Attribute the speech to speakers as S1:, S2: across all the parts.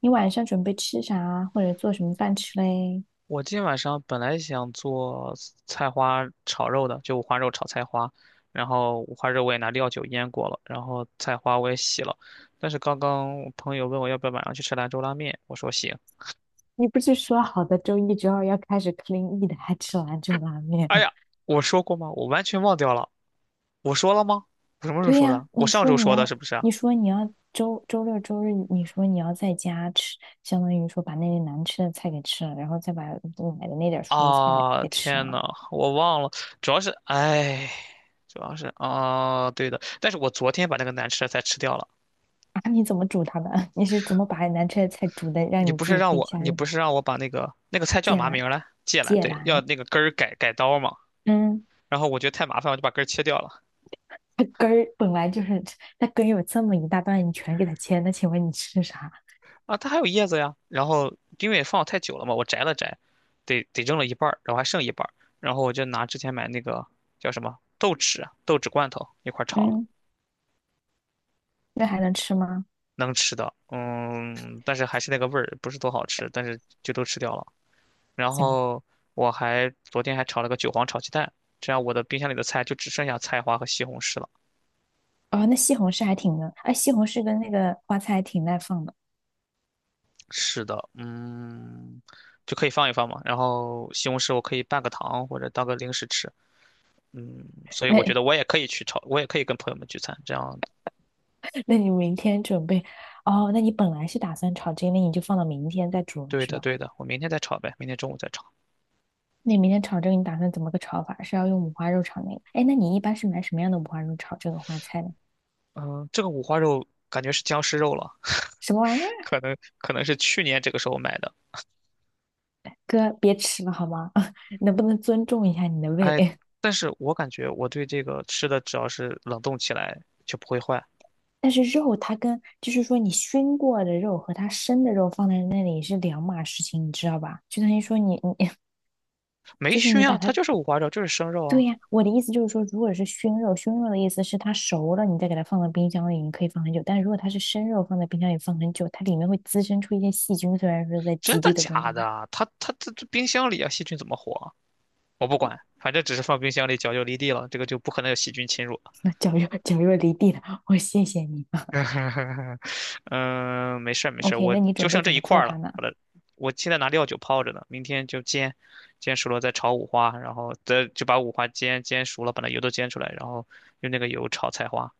S1: 你晚上准备吃啥，或者做什么饭吃嘞？
S2: 我今天晚上本来想做菜花炒肉的，就五花肉炒菜花，然后五花肉我也拿料酒腌过了，然后菜花我也洗了，但是刚刚我朋友问我要不要晚上去吃兰州拉面，我说行。
S1: 你不是说好的周一、周二要开始 clean eat，还吃兰州拉面？
S2: 哎呀，我说过吗？我完全忘掉了，我说了吗？我什么时候
S1: 对
S2: 说
S1: 呀，
S2: 的？我上周说的，是不是啊？
S1: 你说你要周六周日，你说你要在家吃，相当于说把那些难吃的菜给吃了，然后再把买的那点蔬菜
S2: 啊，
S1: 给吃
S2: 天
S1: 了。
S2: 呐，我忘了，主要是，哎，主要是啊，对的，但是我昨天把那个难吃的菜吃掉了。
S1: 啊，你怎么煮它的？你是怎么把难吃的菜煮的，让你自己可以下
S2: 你不
S1: 咽？
S2: 是让我把那个菜叫
S1: 芥
S2: 嘛
S1: 兰，
S2: 名儿来？芥兰，
S1: 芥
S2: 对，要
S1: 兰，
S2: 那个根儿改改刀嘛。
S1: 嗯，
S2: 然后我觉得太麻烦，我就把根儿切掉了。
S1: 它根儿本来就是它根儿有这么一大段，你全给它切，那请问你吃啥？
S2: 啊，它还有叶子呀。然后因为放太久了嘛，我摘了摘，得扔了一半儿，然后还剩一半儿。然后我就拿之前买那个叫什么豆豉啊豆豉罐头一块儿炒了，
S1: 嗯，那还能吃吗？
S2: 能吃的。嗯，但是还是那个味儿，不是多好吃，但是就都吃掉了。然
S1: 行，
S2: 后我还昨天还炒了个韭黄炒鸡蛋，这样我的冰箱里的菜就只剩下菜花和西红柿了。
S1: 哦，那西红柿还挺能，哎，西红柿跟那个花菜还挺耐放的。
S2: 是的，嗯，就可以放一放嘛。然后西红柿我可以拌个糖或者当个零食吃，嗯，所以
S1: 那
S2: 我觉 得我也可以去炒，我也可以跟朋友们聚餐，这样。
S1: 那你明天准备？哦，那你本来是打算炒这个，那你就放到明天再煮了
S2: 对
S1: 是
S2: 的，
S1: 吧？
S2: 对的，我明天再炒呗，明天中午再炒。
S1: 那你明天炒这个，你打算怎么个炒法？是要用五花肉炒那个？哎，那你一般是买什么样的五花肉炒这个花菜呢？
S2: 嗯，这个五花肉感觉是僵尸肉了，
S1: 什么玩意儿？
S2: 可能是去年这个时候买的。
S1: 哥，别吃了好吗？能不能尊重一下你的胃？
S2: 哎，但是我感觉我对这个吃的只要是冷冻起来就不会坏，
S1: 但是肉它跟就是说你熏过的肉和它生的肉放在那里是两码事情，你知道吧？就等于说你你
S2: 没
S1: 就是
S2: 熏
S1: 你把
S2: 啊，它
S1: 它，
S2: 就是五花肉，就是生肉啊。
S1: 对呀，我的意思就是说，如果是熏肉，熏肉的意思是它熟了，你再给它放到冰箱里，你可以放很久。但如果它是生肉，放在冰箱里放很久，它里面会滋生出一些细菌，虽然说在
S2: 真
S1: 极
S2: 的
S1: 低的温度。
S2: 假的啊？它这冰箱里啊，细菌怎么活啊？我不管，反正只是放冰箱里，脚就离地了，这个就不可能有细菌侵入。
S1: 那绞肉离地了，我谢谢你。啊
S2: 嗯，没事儿 没事儿，
S1: OK，
S2: 我
S1: 那你
S2: 就
S1: 准备
S2: 剩这
S1: 怎
S2: 一
S1: 么
S2: 块
S1: 做
S2: 儿
S1: 它
S2: 了，
S1: 呢？
S2: 把它，我现在拿料酒泡着呢，明天就煎，煎熟了再炒五花，然后再就把五花煎熟了，把那油都煎出来，然后用那个油炒菜花。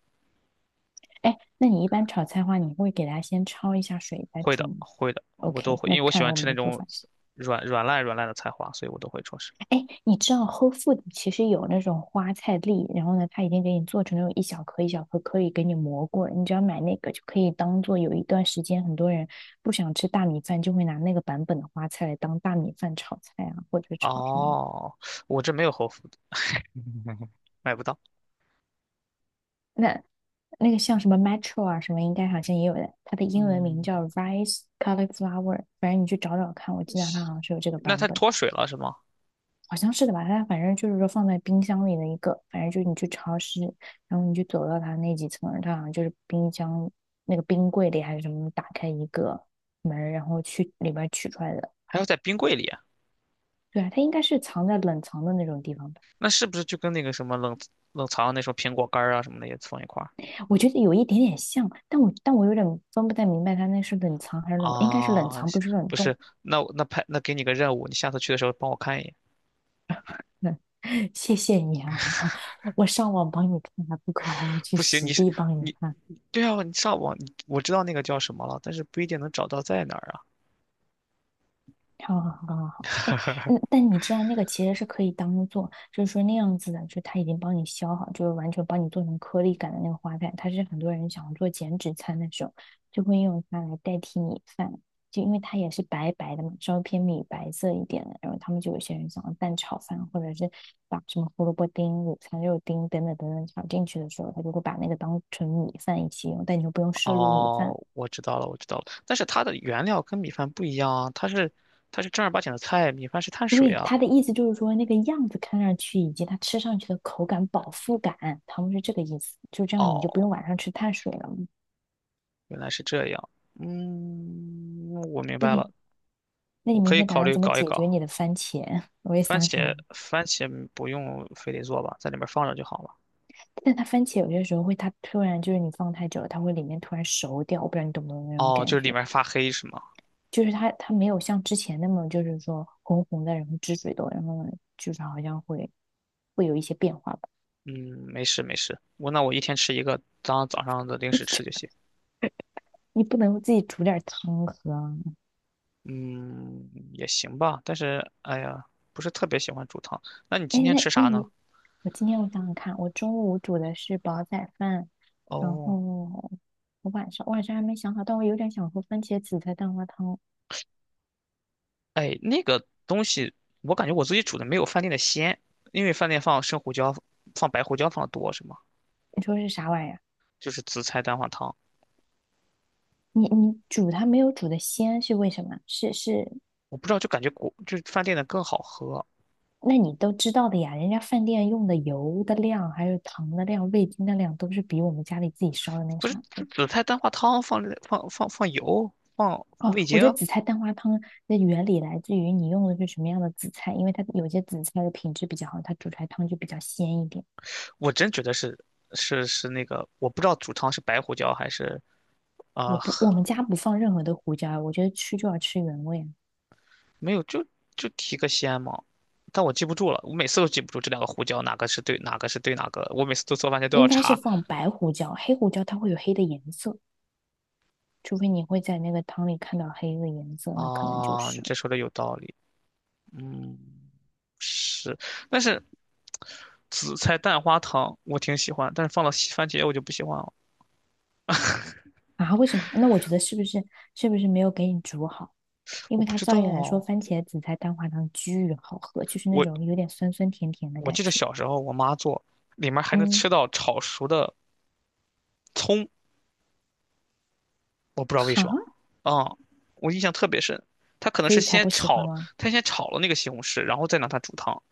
S1: 哎，那你一般炒菜的话，你会给它先焯一下水再
S2: 会的
S1: 煮吗
S2: 会的，我都
S1: ？OK，
S2: 会，因
S1: 那
S2: 为我
S1: 看
S2: 喜
S1: 来
S2: 欢
S1: 我
S2: 吃
S1: 们
S2: 那
S1: 的做
S2: 种
S1: 法是。
S2: 软软烂软烂的菜花，所以我都会做事。
S1: 哎，你知道 Whole Food 其实有那种花菜粒，然后呢，它已经给你做成那种一小颗一小颗，可以给你磨过你只要买那个，就可以当做有一段时间，很多人不想吃大米饭，就会拿那个版本的花菜来当大米饭炒菜啊，或者炒什么。
S2: 哦，我这没有侯府，买不到。
S1: 那那个像什么 Metro 啊什么，应该好像也有的。它的英文名
S2: 嗯，
S1: 叫 Rice Cauliflower，反正你去找找看，我记得它好像是有这个
S2: 那
S1: 版
S2: 它
S1: 本。
S2: 脱水了是吗？
S1: 好像是的吧？它反正就是说放在冰箱里的一个，反正就是你去超市，然后你就走到它那几层，它好像就是冰箱那个冰柜里还是什么，打开一个门，然后去里边取出来的。
S2: 还要在冰柜里啊，
S1: 对啊，它应该是藏在冷藏的那种地方吧？
S2: 那是不是就跟那个什么冷藏那种苹果干儿啊什么的也放一块儿
S1: 我觉得有一点点像，但我有点分不太明白它那是冷藏还是冷，应该是冷
S2: 啊？
S1: 藏，
S2: 行
S1: 不是冷
S2: 不
S1: 冻。
S2: 是，那我那派那给你个任务，你下次去的时候帮我看一眼。
S1: 嗯，谢谢你啊，我上网帮你看还不够，还要去
S2: 不行，
S1: 实
S2: 你是
S1: 地帮你
S2: 你
S1: 看。
S2: 对啊，你上网你我知道那个叫什么了，但是不一定能找到在哪儿啊。
S1: 好好好好好，哎，嗯，但你知道那个其实是可以当做，就是说那样子的，就它已经帮你削好，就是完全帮你做成颗粒感的那个花菜，它是很多人想要做减脂餐的时候，就会用它来代替米饭，就因为它也是白白的嘛，稍微偏米白色一点的，然后他们就有些人想要蛋炒饭，或者是把什么胡萝卜丁、午餐肉丁等等炒进去的时候，他就会把那个当成米饭一起用，但你就不用摄入米饭。
S2: 哦，我知道了，我知道了，但是它的原料跟米饭不一样啊，它是正儿八经的菜，米饭是碳水
S1: 对，
S2: 啊。
S1: 他的意思就是说，那个样子看上去以及它吃上去的口感、饱腹感，他们是这个意思。就这样，你就不
S2: 哦，
S1: 用晚上吃碳水了。
S2: 原来是这样，嗯，我明
S1: 那
S2: 白
S1: 你，
S2: 了，
S1: 那你
S2: 我
S1: 明
S2: 可以
S1: 天打
S2: 考
S1: 算
S2: 虑
S1: 怎么
S2: 搞一
S1: 解决
S2: 搞。
S1: 你的番茄？我也
S2: 番
S1: 想起来了，
S2: 茄番茄不用非得做吧，在里面放着就好了。
S1: 但它番茄有些时候会，它突然就是你放太久了，它会里面突然熟掉。我不知道你懂不懂那种
S2: 哦，就
S1: 感
S2: 是里
S1: 觉，
S2: 面发黑是吗？
S1: 就是它没有像之前那么就是说红红的，然后汁水多，然后就是好像会有一些变化吧。
S2: 嗯，没事没事，那我一天吃一个，当早上的零食吃就 行。
S1: 你不能自己煮点汤喝啊
S2: 嗯，也行吧，但是哎呀，不是特别喜欢煮汤。那你今
S1: 哎，
S2: 天
S1: 那
S2: 吃啥
S1: 那
S2: 呢？
S1: 你，我今天我想想看，我中午煮的是煲仔饭，然
S2: 哦，
S1: 后我晚上还没想好，但我有点想喝番茄紫菜蛋花汤。
S2: 哎，那个东西我感觉我自己煮的没有饭店的鲜，因为饭店放生胡椒、放白胡椒放的多是吗？
S1: 你说是啥玩意儿啊？
S2: 就是紫菜蛋花汤，
S1: 你你煮它没有煮的鲜是为什么？是，
S2: 我不知道，就感觉就是饭店的更好喝。
S1: 那你都知道的呀，人家饭店用的油的量、还有糖的量、味精的量都是比我们家里自己烧的那个
S2: 不是
S1: 啥
S2: 紫
S1: 的。
S2: 紫菜蛋花汤放了放放放油放
S1: 哦，
S2: 味
S1: 我
S2: 精
S1: 觉得
S2: 啊，
S1: 紫菜蛋花汤的原理来自于你用的是什么样的紫菜，因为它有些紫菜的品质比较好，它煮出来汤就比较鲜一点。
S2: 我真觉得是是那个，我不知道煮汤是白胡椒还是啊、
S1: 我们家不放任何的胡椒，我觉得吃就要吃原味啊
S2: 没有就提个鲜嘛，但我记不住了，我每次都记不住这两个胡椒哪个是对哪个是对哪个，我每次都做饭前都要
S1: 应该是
S2: 查
S1: 放白胡椒，黑胡椒它会有黑的颜色，除非你会在那个汤里看到黑的颜色，那可能就
S2: 啊。你
S1: 是
S2: 这说的有道理，嗯，是，但是紫菜蛋花汤我挺喜欢，但是放了西番茄我就不喜欢了，
S1: 啊，为什么？那我觉得是不是没有给你煮好？因
S2: 我
S1: 为
S2: 不
S1: 它
S2: 知
S1: 照
S2: 道
S1: 理来说，
S2: 啊，
S1: 番茄紫菜蛋花汤巨好喝，就是那种
S2: 我
S1: 有点酸酸甜甜的
S2: 我
S1: 感
S2: 记得
S1: 觉。
S2: 小时候我妈做，里面还能吃
S1: 嗯，
S2: 到炒熟的葱，我不知道为
S1: 哈，
S2: 什么，啊、我印象特别深。她可能
S1: 所
S2: 是
S1: 以才
S2: 先
S1: 不喜欢
S2: 炒，
S1: 吗？
S2: 她先炒了那个西红柿，然后再拿它煮汤。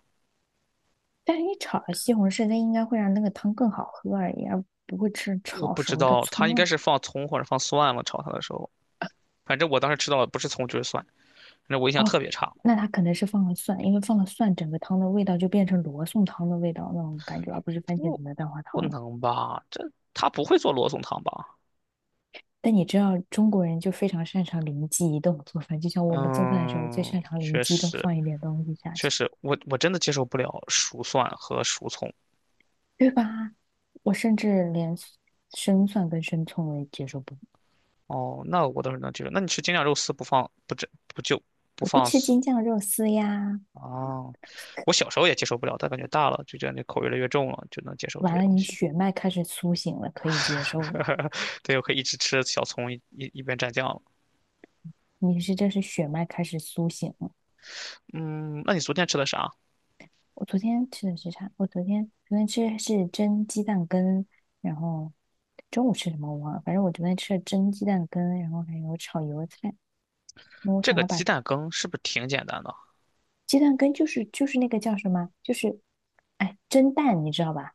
S1: 但是你炒了西红柿，那应该会让那个汤更好喝而已，而不会吃
S2: 我
S1: 炒
S2: 不知
S1: 熟的
S2: 道，她应
S1: 葱
S2: 该
S1: 啊。
S2: 是放葱或者放蒜了，炒它的时候。反正我当时吃到的不是葱就是蒜，反正我印象
S1: 哦，
S2: 特别差。
S1: 那他可能是放了蒜，因为放了蒜，整个汤的味道就变成罗宋汤的味道那种感觉，而不是番茄
S2: 不，
S1: 子的蛋花
S2: 不
S1: 汤。
S2: 能吧？这她不会做罗宋汤吧？
S1: 但你知道中国人就非常擅长灵机一动做饭，就像我们做饭的时候最擅
S2: 嗯，
S1: 长灵
S2: 确
S1: 机一动
S2: 实，
S1: 放一点东西下
S2: 确
S1: 去，
S2: 实，我真的接受不了熟蒜和熟葱。
S1: 对吧？我甚至连生蒜跟生葱我也接受不了，
S2: 哦，那我倒是能接受。那你吃京酱肉丝不放不蘸不就不
S1: 我不
S2: 放
S1: 吃
S2: 丝
S1: 京酱肉丝呀。
S2: 啊？我小时候也接受不了，但感觉大了就觉得那口越来越重了，就能接受这
S1: 完
S2: 些
S1: 了，
S2: 东
S1: 你
S2: 西。
S1: 血脉开始苏醒了，可以接受了。
S2: 对，我可以一直吃小葱，一边蘸酱了。
S1: 你是这是血脉开始苏醒了。
S2: 嗯，那你昨天吃的啥？
S1: 我昨天吃的是啥？我昨天吃的是蒸鸡蛋羹，然后中午吃什么我忘了，反正我昨天吃了蒸鸡蛋羹，然后还有炒油菜。那我
S2: 这
S1: 想
S2: 个
S1: 要
S2: 鸡
S1: 把
S2: 蛋羹是不是挺简单的？
S1: 鸡蛋羹就是那个叫什么，就是哎蒸蛋，你知道吧？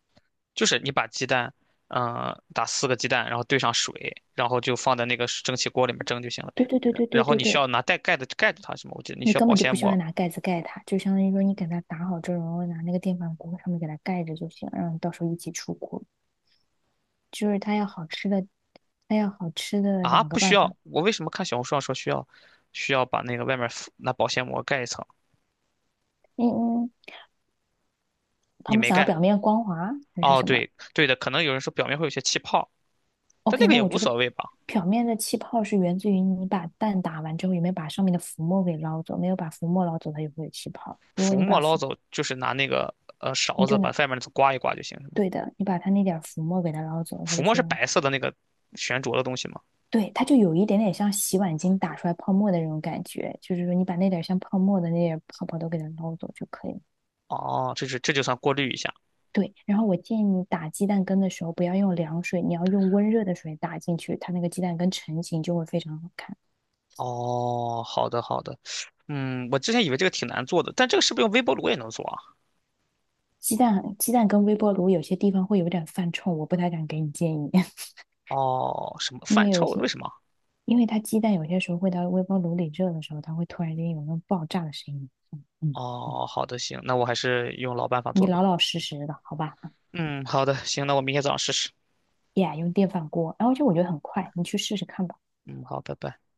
S2: 就是你把鸡蛋，嗯、打四个鸡蛋，然后兑上水，然后就放在那个蒸汽锅里面蒸就行了呗。
S1: 对对对
S2: 然
S1: 对
S2: 然
S1: 对
S2: 后
S1: 对
S2: 你需
S1: 对，
S2: 要拿带盖的盖住它，什么？我记得你
S1: 你
S2: 需要
S1: 根
S2: 保
S1: 本就不
S2: 鲜
S1: 需要
S2: 膜，
S1: 拿盖子盖它，就相当于说你给它打好之后，然后拿那个电饭锅上面给它盖着就行，让你到时候一起出锅。就是它要好吃的，它要好吃的
S2: 啊，
S1: 两个
S2: 不需
S1: 办法。
S2: 要。我为什么看小红书上说需要，需要把那个外面敷拿保鲜膜盖一层？
S1: 嗯嗯。他
S2: 你
S1: 们
S2: 没
S1: 想要
S2: 盖。
S1: 表面光滑还是
S2: 哦，
S1: 什么
S2: 对对的，可能有人说表面会有些气泡，但那
S1: ？OK，
S2: 个
S1: 那
S2: 也
S1: 我
S2: 无
S1: 觉得
S2: 所谓吧。
S1: 表面的气泡是源自于你把蛋打完之后有没有把上面的浮沫给捞走，没有把浮沫捞走，它就会有气泡。如果
S2: 浮
S1: 你把
S2: 沫捞
S1: 浮，
S2: 走就是拿那个勺
S1: 你
S2: 子
S1: 就
S2: 把
S1: 拿，
S2: 外面那层刮一刮就行，是吗？
S1: 对的，你把它那点浮沫给它捞走，它
S2: 浮
S1: 就
S2: 沫
S1: 非
S2: 是
S1: 常，
S2: 白色的那个悬浊的东西吗？
S1: 对，它就有一点点像洗碗巾打出来泡沫的那种感觉，就是说你把那点像泡沫的那点泡泡都给它捞走就可以了。
S2: 哦，这就算过滤一下。
S1: 对，然后我建议你打鸡蛋羹的时候不要用凉水，你要用温热的水打进去，它那个鸡蛋羹成型就会非常好看。
S2: 哦，好的好的。嗯，我之前以为这个挺难做的，但这个是不是用微波炉也能做啊？
S1: 鸡蛋跟微波炉有些地方会有点犯冲，我不太敢给你建议，
S2: 哦，什么
S1: 因为
S2: 饭
S1: 有
S2: 臭？
S1: 些，
S2: 为什么？
S1: 因为它鸡蛋有些时候会到微波炉里热的时候，它会突然间有那种爆炸的声音。嗯嗯，
S2: 哦，好的行，那我还是用老办法
S1: 你
S2: 做
S1: 老
S2: 吧。
S1: 老实实的，好吧？
S2: 嗯，好的，行，那我明天早上试试。
S1: 呀，用电饭锅，然后就我觉得很快，你去试试看吧。
S2: 嗯，好，拜拜。